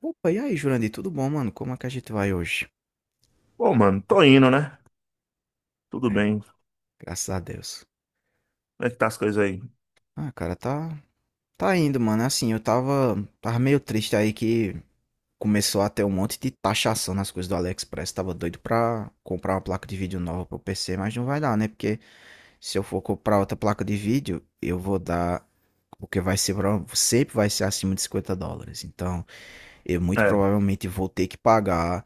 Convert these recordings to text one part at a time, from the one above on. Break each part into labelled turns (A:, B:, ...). A: Opa, e aí, Jurandir, tudo bom, mano? Como é que a gente vai hoje?
B: Bom, mano, tô indo, né? Tudo
A: É,
B: bem. Como
A: graças a Deus.
B: é que tá as coisas aí?
A: Ah, cara, tá indo, mano. Assim, eu tava meio triste aí que começou a ter um monte de taxação nas coisas do AliExpress. Tava doido pra comprar uma placa de vídeo nova pro PC, mas não vai dar, né? Porque se eu for comprar outra placa de vídeo, eu vou dar, porque vai ser, sempre vai ser acima de US$ 50. Então, eu muito
B: É,
A: provavelmente vou ter que pagar.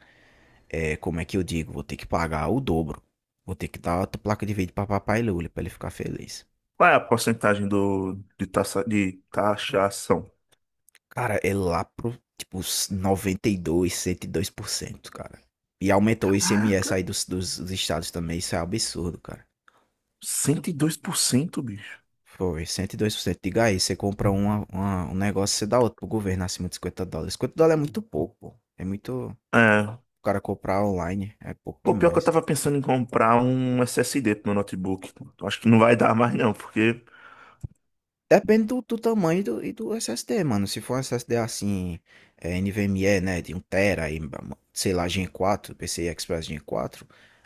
A: Como é que eu digo? Vou ter que pagar o dobro. Vou ter que dar outra placa de vídeo pra papai Lula pra ele ficar feliz.
B: qual é a porcentagem de taxa, de taxação?
A: Cara, é lá pro, tipo, noventa e dois cento e dois por cento, cara. E aumentou o ICMS
B: Caraca,
A: aí dos estados também, isso é um absurdo, cara.
B: 102%, bicho.
A: Foi, cento e dois por cento. Diga aí, você compra uma, um negócio, você dá outro pro governo acima de US$ 50. 50 dólares é muito pouco, pô. É muito. O
B: É,
A: cara comprar online é pouco
B: pô, pior que eu
A: demais.
B: tava pensando em comprar um SSD pro meu notebook. Eu acho que não vai dar mais não, porque...
A: Depende do tamanho do, e do SSD, mano. Se for um SSD assim, NVMe, né, de um tera, e, sei lá, Gen 4, PCI Express Gen 4,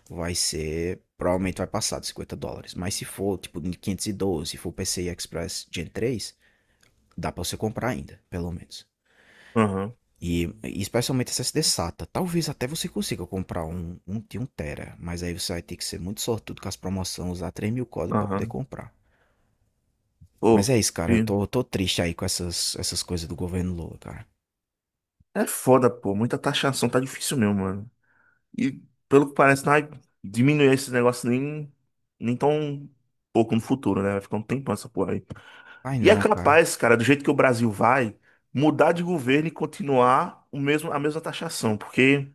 A: vai ser, provavelmente vai passar de US$ 50. Mas se for, tipo, de 512, se for PCI Express Gen 3, dá pra você comprar ainda, pelo menos.
B: Aham,
A: E especialmente SSD SATA. Talvez até você consiga comprar um, um de um tera, mas aí você vai ter que ser muito sortudo com as promoções, usar 3.000 códigos pra poder
B: aham.
A: comprar. Mas
B: Pô,
A: é isso, cara. Eu
B: e-
A: tô, eu tô triste aí com essas coisas do governo Lula, cara.
B: É foda, pô. Muita taxação, tá difícil mesmo, mano. E pelo que parece, não vai diminuir esse negócio nem tão pouco no futuro, né? Vai ficar um tempão essa porra.
A: Vai
B: E é
A: não, cara.
B: capaz, cara, do jeito que o Brasil vai, mudar de governo e continuar o mesmo, a mesma taxação, porque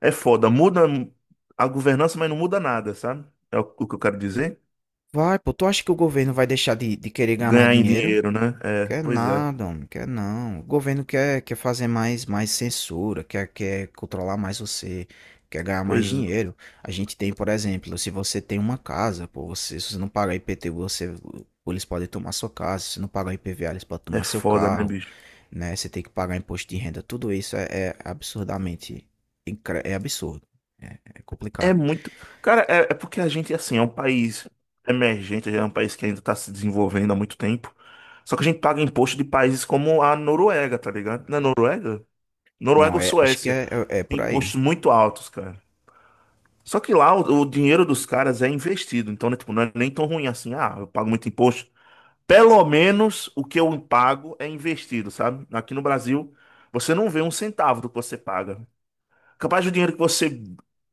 B: é foda, muda a governança, mas não muda nada, sabe? É o que eu quero dizer?
A: Vai, pô. Tu acha que o governo vai deixar de querer ganhar mais
B: Ganhar em
A: dinheiro?
B: dinheiro, né? É,
A: Quer
B: pois é,
A: nada, homem. Quer não. O governo quer, quer fazer mais, mais censura, quer, quer controlar mais você, quer ganhar mais
B: pois
A: dinheiro. A gente tem, por exemplo, se você tem uma casa, pô, você, se você não pagar IPTU, você, eles podem tomar sua casa. Se você não pagar IPVA, eles podem
B: é,
A: tomar seu
B: foda, né,
A: carro,
B: bicho?
A: né? Você tem que pagar imposto de renda, tudo isso é absurdamente é absurdo, é
B: É
A: complicado.
B: muito. Cara, é porque a gente, assim, é um país emergente, é um país que ainda tá se desenvolvendo há muito tempo. Só que a gente paga imposto de países como a Noruega, tá ligado? Na Noruega? Noruega
A: Não,
B: ou
A: acho que
B: Suécia.
A: é
B: Tem
A: por aí.
B: impostos muito altos, cara. Só que lá o dinheiro dos caras é investido, então, né, tipo, não é nem tão ruim assim. Ah, eu pago muito imposto. Pelo menos o que eu pago é investido, sabe? Aqui no Brasil, você não vê um centavo do que você paga. Capaz do dinheiro que você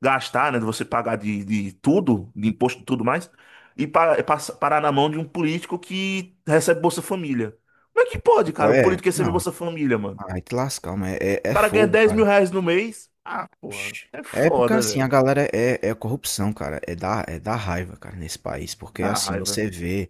B: gastar, né, de você pagar de tudo, de imposto e tudo mais, e parar na mão de um político que recebe Bolsa Família. Como é que pode,
A: Pô,
B: cara, o
A: é,
B: político receber
A: não,
B: Bolsa Família, mano?
A: aí te lascar, mas é,
B: O
A: é
B: cara ganha
A: fogo,
B: 10 mil
A: cara.
B: reais no mês. Ah, porra,
A: Oxi.
B: é
A: É porque
B: foda,
A: assim, a
B: velho.
A: galera é corrupção, cara. É da raiva, cara, nesse país. Porque
B: Dá
A: assim,
B: raiva.
A: você vê,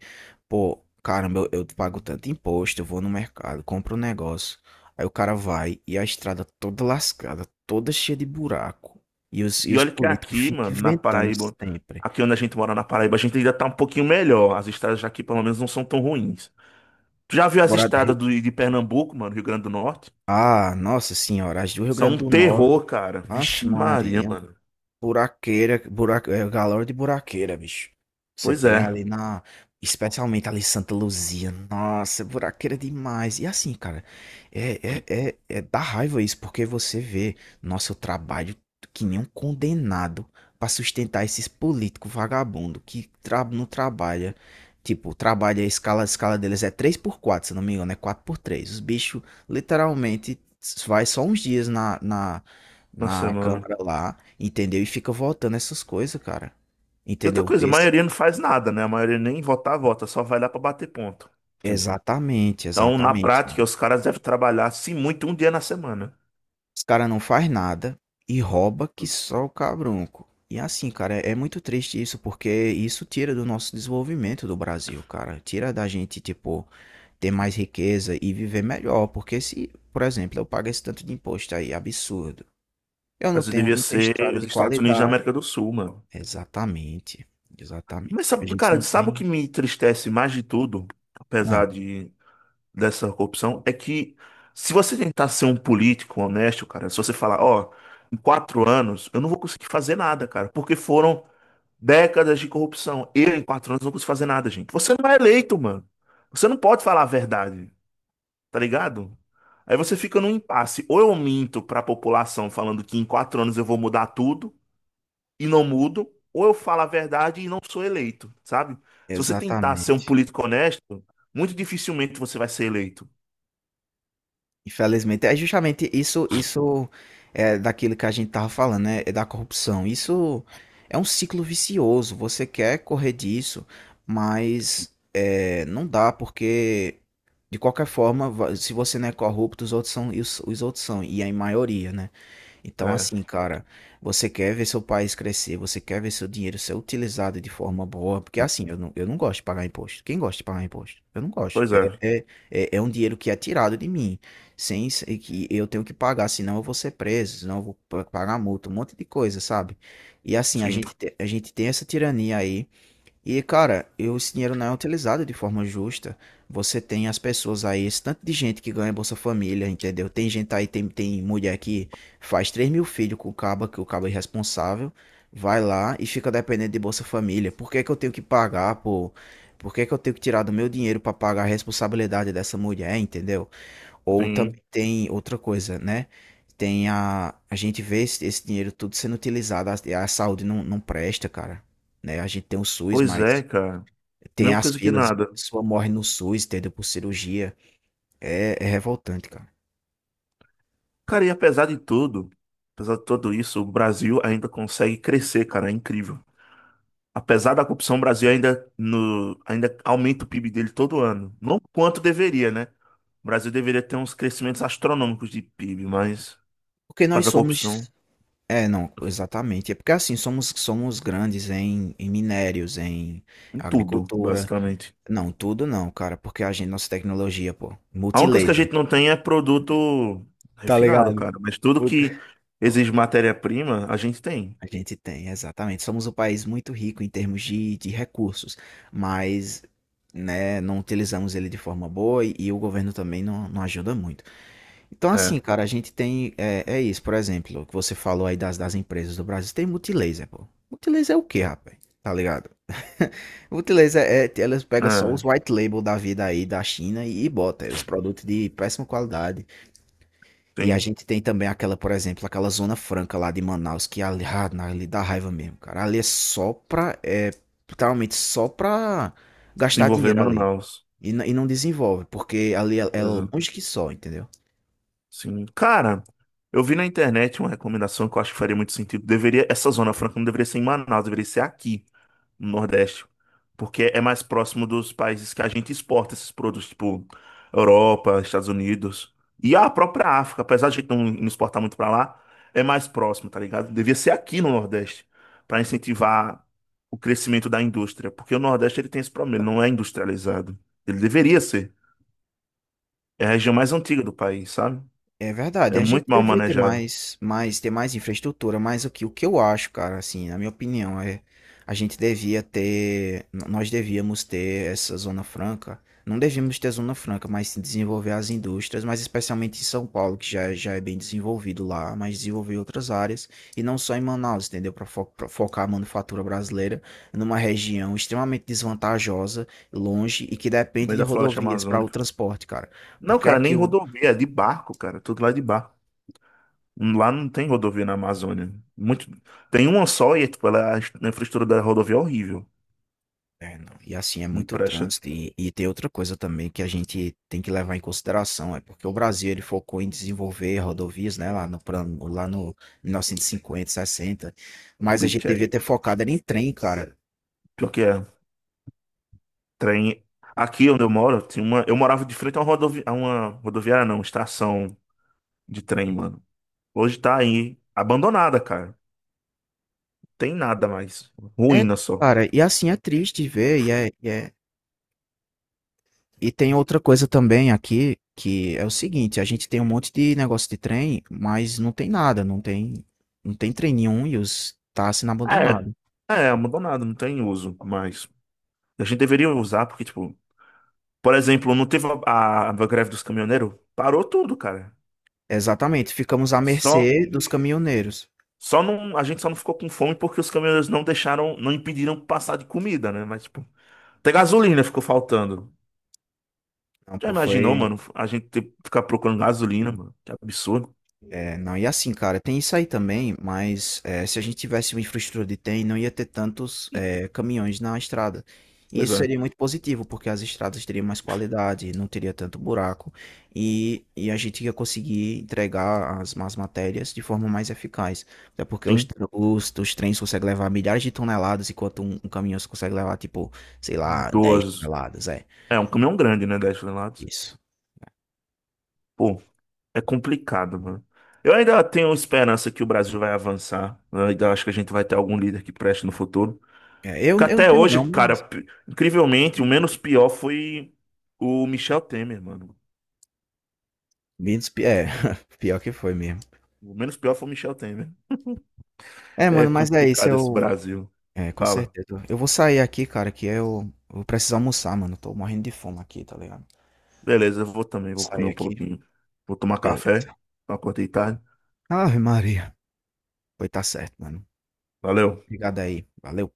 A: pô, caramba, eu pago tanto imposto, eu vou no mercado, compro um negócio. Aí o cara vai e a estrada toda lascada, toda cheia de buraco. E os, e
B: E
A: os
B: olha que
A: políticos
B: aqui,
A: ficam
B: mano, na
A: inventando
B: Paraíba,
A: sempre.
B: aqui onde a gente mora na Paraíba, a gente ainda tá um pouquinho melhor. As estradas aqui, pelo menos, não são tão ruins. Tu já viu as
A: Agora,
B: estradas de Pernambuco, mano, Rio Grande do Norte?
A: Ah, nossa senhora, as do Rio
B: São
A: Grande
B: um
A: do Norte.
B: terror, cara. Vixe
A: Aff,
B: Maria,
A: Maria.
B: mano.
A: Buraqueira, galera de buraqueira, bicho. Você
B: Pois
A: tem
B: é.
A: ali na. Especialmente ali em Santa Luzia. Nossa, buraqueira demais. E assim, cara, dá raiva isso, porque você vê, nossa, eu trabalho que nem um condenado pra sustentar esses políticos vagabundo que tra não trabalha. Tipo, trabalha a escala deles é três por quatro se não me engano, é quatro por três. Os bichos literalmente vai só uns dias na, na,
B: Nossa,
A: na
B: mano.
A: câmara lá, entendeu? E fica votando essas coisas, cara.
B: E outra
A: Entendeu?
B: coisa, a
A: Esse,
B: maioria não faz nada, né? A maioria nem votar, vota, só vai lá pra bater ponto. Sim.
A: exatamente,
B: Então, na
A: exatamente.
B: prática, os caras devem trabalhar, se muito, um dia na semana.
A: Os cara não faz nada e rouba que só o cabrunco. E assim, cara, é muito triste isso, porque isso tira do nosso desenvolvimento do Brasil, cara. Tira da gente, tipo, ter mais riqueza e viver melhor. Porque se, por exemplo, eu pago esse tanto de imposto aí, absurdo. Eu não
B: Mas
A: tenho,
B: devia
A: não tenho
B: ser
A: estrada
B: os
A: de
B: Estados Unidos da América
A: qualidade.
B: do Sul, mano.
A: Exatamente,
B: Mas
A: exatamente. A
B: sabe,
A: gente
B: cara,
A: não
B: sabe o que
A: tem.
B: me entristece mais de tudo,
A: Ah.
B: apesar de dessa corrupção, é que se você tentar ser um político honesto, cara, se você falar, ó, em 4 anos eu não vou conseguir fazer nada, cara, porque foram décadas de corrupção. Eu, em 4 anos, não consigo fazer nada, gente. Você não é eleito, mano. Você não pode falar a verdade, tá ligado? Aí você fica num impasse. Ou eu minto pra população falando que em 4 anos eu vou mudar tudo e não mudo, ou eu falo a verdade e não sou eleito, sabe? Se você tentar ser um
A: Exatamente.
B: político honesto, muito dificilmente você vai ser eleito.
A: Infelizmente, é justamente isso é daquilo que a gente estava falando, né, é da corrupção. Isso é um ciclo vicioso, você quer correr disso, mas, não dá porque, de qualquer forma, va se você não é corrupto, os outros são e os outros são, e é em maioria, né. Então, assim,
B: É,
A: cara, você quer ver seu país crescer, você quer ver seu dinheiro ser utilizado de forma boa, porque assim, eu não gosto de pagar imposto. Quem gosta de pagar imposto? Eu não gosto.
B: pois é.
A: É, é um dinheiro que é tirado de mim, sem ser que eu tenho que pagar, senão eu vou ser preso, senão eu vou pagar multa, um monte de coisa, sabe? E assim,
B: Sim,
A: a gente tem essa tirania aí e, cara, esse dinheiro não é utilizado de forma justa. Você tem as pessoas aí, esse tanto de gente que ganha Bolsa Família, entendeu? Tem gente aí, tem mulher que faz 3.000 filhos com o caba, que o caba é irresponsável, vai lá e fica dependendo de Bolsa Família. Por que que eu tenho que pagar, pô? Por que que eu tenho que tirar do meu dinheiro pra pagar a responsabilidade dessa mulher, entendeu? Ou também
B: sim.
A: tem outra coisa, né? Tem a... A gente vê esse dinheiro tudo sendo utilizado, a saúde não presta, cara, né? A gente tem o SUS,
B: Pois é,
A: mas
B: cara.
A: tem
B: Mesma
A: as
B: coisa que
A: filas, a
B: nada.
A: pessoa morre no SUS, entendeu? Por cirurgia. É revoltante, cara.
B: Cara, apesar de tudo isso, o Brasil ainda consegue crescer, cara. É incrível. Apesar da corrupção, o Brasil ainda, no, ainda aumenta o PIB dele todo ano. Não quanto deveria, né? O Brasil deveria ter uns crescimentos astronômicos de PIB, mas
A: Porque
B: por
A: nós
B: causa da corrupção.
A: somos. É, não, exatamente. É porque assim, somos grandes em minérios, em
B: Em tudo,
A: agricultura.
B: basicamente.
A: Não, tudo não, cara. Porque a gente, nossa tecnologia, pô,
B: A única coisa que a gente
A: multilaser.
B: não tem é produto
A: Tá ligado?
B: refinado, cara. Mas tudo
A: Mu-
B: que exige matéria-prima, a gente tem.
A: A gente tem, exatamente. Somos um país muito rico em termos de recursos, mas né, não utilizamos ele de forma boa e o governo também não ajuda muito. Então, assim,
B: É,
A: cara, a gente tem. É isso, por exemplo, o que você falou aí das empresas do Brasil. Tem multilaser, pô. Multilaser é o quê, rapaz? Tá ligado? Multilaser é. Elas pegam só os
B: é,
A: white label da vida aí da China e bota os produtos de péssima qualidade. E a
B: tem.
A: gente tem também aquela, por exemplo, aquela Zona Franca lá de Manaus, que ali, ah, ali dá raiva mesmo, cara. Ali é só pra. É, literalmente só pra gastar
B: Desenvolver
A: dinheiro ali.
B: Manaus.
A: E não desenvolve, porque ali é
B: Coisa
A: longe que só, entendeu?
B: assim. Cara, eu vi na internet uma recomendação que eu acho que faria muito sentido. Deveria, essa Zona Franca não deveria ser em Manaus, deveria ser aqui no Nordeste, porque é mais próximo dos países que a gente exporta esses produtos, tipo Europa, Estados Unidos e a própria África, apesar de a gente não exportar muito pra lá, é mais próximo, tá ligado? Devia ser aqui no Nordeste pra incentivar o crescimento da indústria, porque o Nordeste ele tem esse problema, ele não é industrializado. Ele deveria ser. É a região mais antiga do país, sabe?
A: É verdade,
B: É
A: a gente
B: muito mal
A: devia ter
B: manejado, no
A: mais, ter mais infraestrutura, mas o que eu acho, cara, assim, na minha opinião, é a gente devia ter, nós devíamos ter essa zona franca, não devíamos ter zona franca, mas sim desenvolver as indústrias, mas especialmente em São Paulo, que já, já é bem desenvolvido lá, mas desenvolver outras áreas, e não só em Manaus, entendeu? Para focar a manufatura brasileira numa região extremamente desvantajosa, longe, e que depende
B: meio
A: de
B: da floresta
A: rodovias para o
B: amazônica.
A: transporte, cara,
B: Não,
A: porque
B: cara,
A: aqui
B: nem
A: o.
B: rodovia, é de barco, cara, tudo lá é de barco. Lá não tem rodovia na Amazônia. Muito... Tem uma só e tipo, ela, a infraestrutura da rodovia é horrível.
A: É, não. E assim, é
B: Não
A: muito
B: presta.
A: trânsito. E tem outra coisa também que a gente tem que levar em consideração, é porque o Brasil ele focou em desenvolver rodovias, né, lá no plano, lá no 1950, 60, mas a gente
B: Curitiba.
A: devia ter focado era em trem, cara.
B: Pior que é. Trem. Aqui onde eu moro, tinha uma... eu morava de frente a uma rodovia... a uma rodoviária, não, estação de trem, mano. Hoje tá aí abandonada, cara. Tem nada mais.
A: É,
B: Ruína só.
A: cara, e assim é triste ver, e é... E tem outra coisa também aqui, que é o seguinte, a gente tem um monte de negócio de trem, mas não tem nada, não tem, não tem trem nenhum e os tá sendo
B: É,
A: abandonado.
B: é abandonado, não tem uso mais. A gente deveria usar, porque, tipo, por exemplo, não teve a, a greve dos caminhoneiros? Parou tudo, cara.
A: Exatamente, ficamos à
B: Só,
A: mercê dos caminhoneiros.
B: Só não, a gente só não ficou com fome porque os caminhoneiros não deixaram, não impediram passar de comida, né? Mas, tipo, até gasolina ficou faltando.
A: Não,
B: Já
A: pô,
B: imaginou,
A: foi.
B: mano? A gente ter, que ficar procurando gasolina, mano? Que absurdo.
A: É, não, e assim, cara, tem isso aí também, mas se a gente tivesse uma infraestrutura de trem, não ia ter tantos
B: E,
A: caminhões na estrada. E
B: pois
A: isso
B: é,
A: seria muito positivo, porque as estradas teriam mais qualidade, não teria tanto buraco, e a gente ia conseguir entregar as más matérias de forma mais eficaz. Até porque os,
B: tem
A: os, os trens conseguem levar milhares de toneladas, enquanto um caminhão só consegue levar, tipo, sei lá, 10
B: duas.
A: toneladas, é,
B: É um caminhão grande, né? 10 toneladas.
A: isso.
B: Pô, é complicado, mano. Eu ainda tenho esperança que o Brasil vai avançar. Eu ainda acho que a gente vai ter algum líder que preste no futuro.
A: É, eu,
B: Porque
A: eu não
B: até
A: tenho
B: hoje,
A: não,
B: cara,
A: mas.
B: incrivelmente, o menos pior foi o Michel Temer, mano.
A: É, pior que foi mesmo.
B: O menos pior foi o Michel Temer.
A: É,
B: É
A: mano, mas é isso,
B: complicado esse
A: eu.
B: Brasil.
A: É, com
B: Fala.
A: certeza. Eu vou sair aqui, cara, que eu vou precisar almoçar, mano. Tô morrendo de fome aqui, tá ligado? Vou
B: Beleza, eu vou também, vou comer
A: sair
B: um
A: aqui.
B: pouquinho. Vou tomar café.
A: Beleza.
B: Acordei tarde.
A: Ave Maria. Pois tá certo, mano.
B: Valeu.
A: Obrigado aí. Valeu.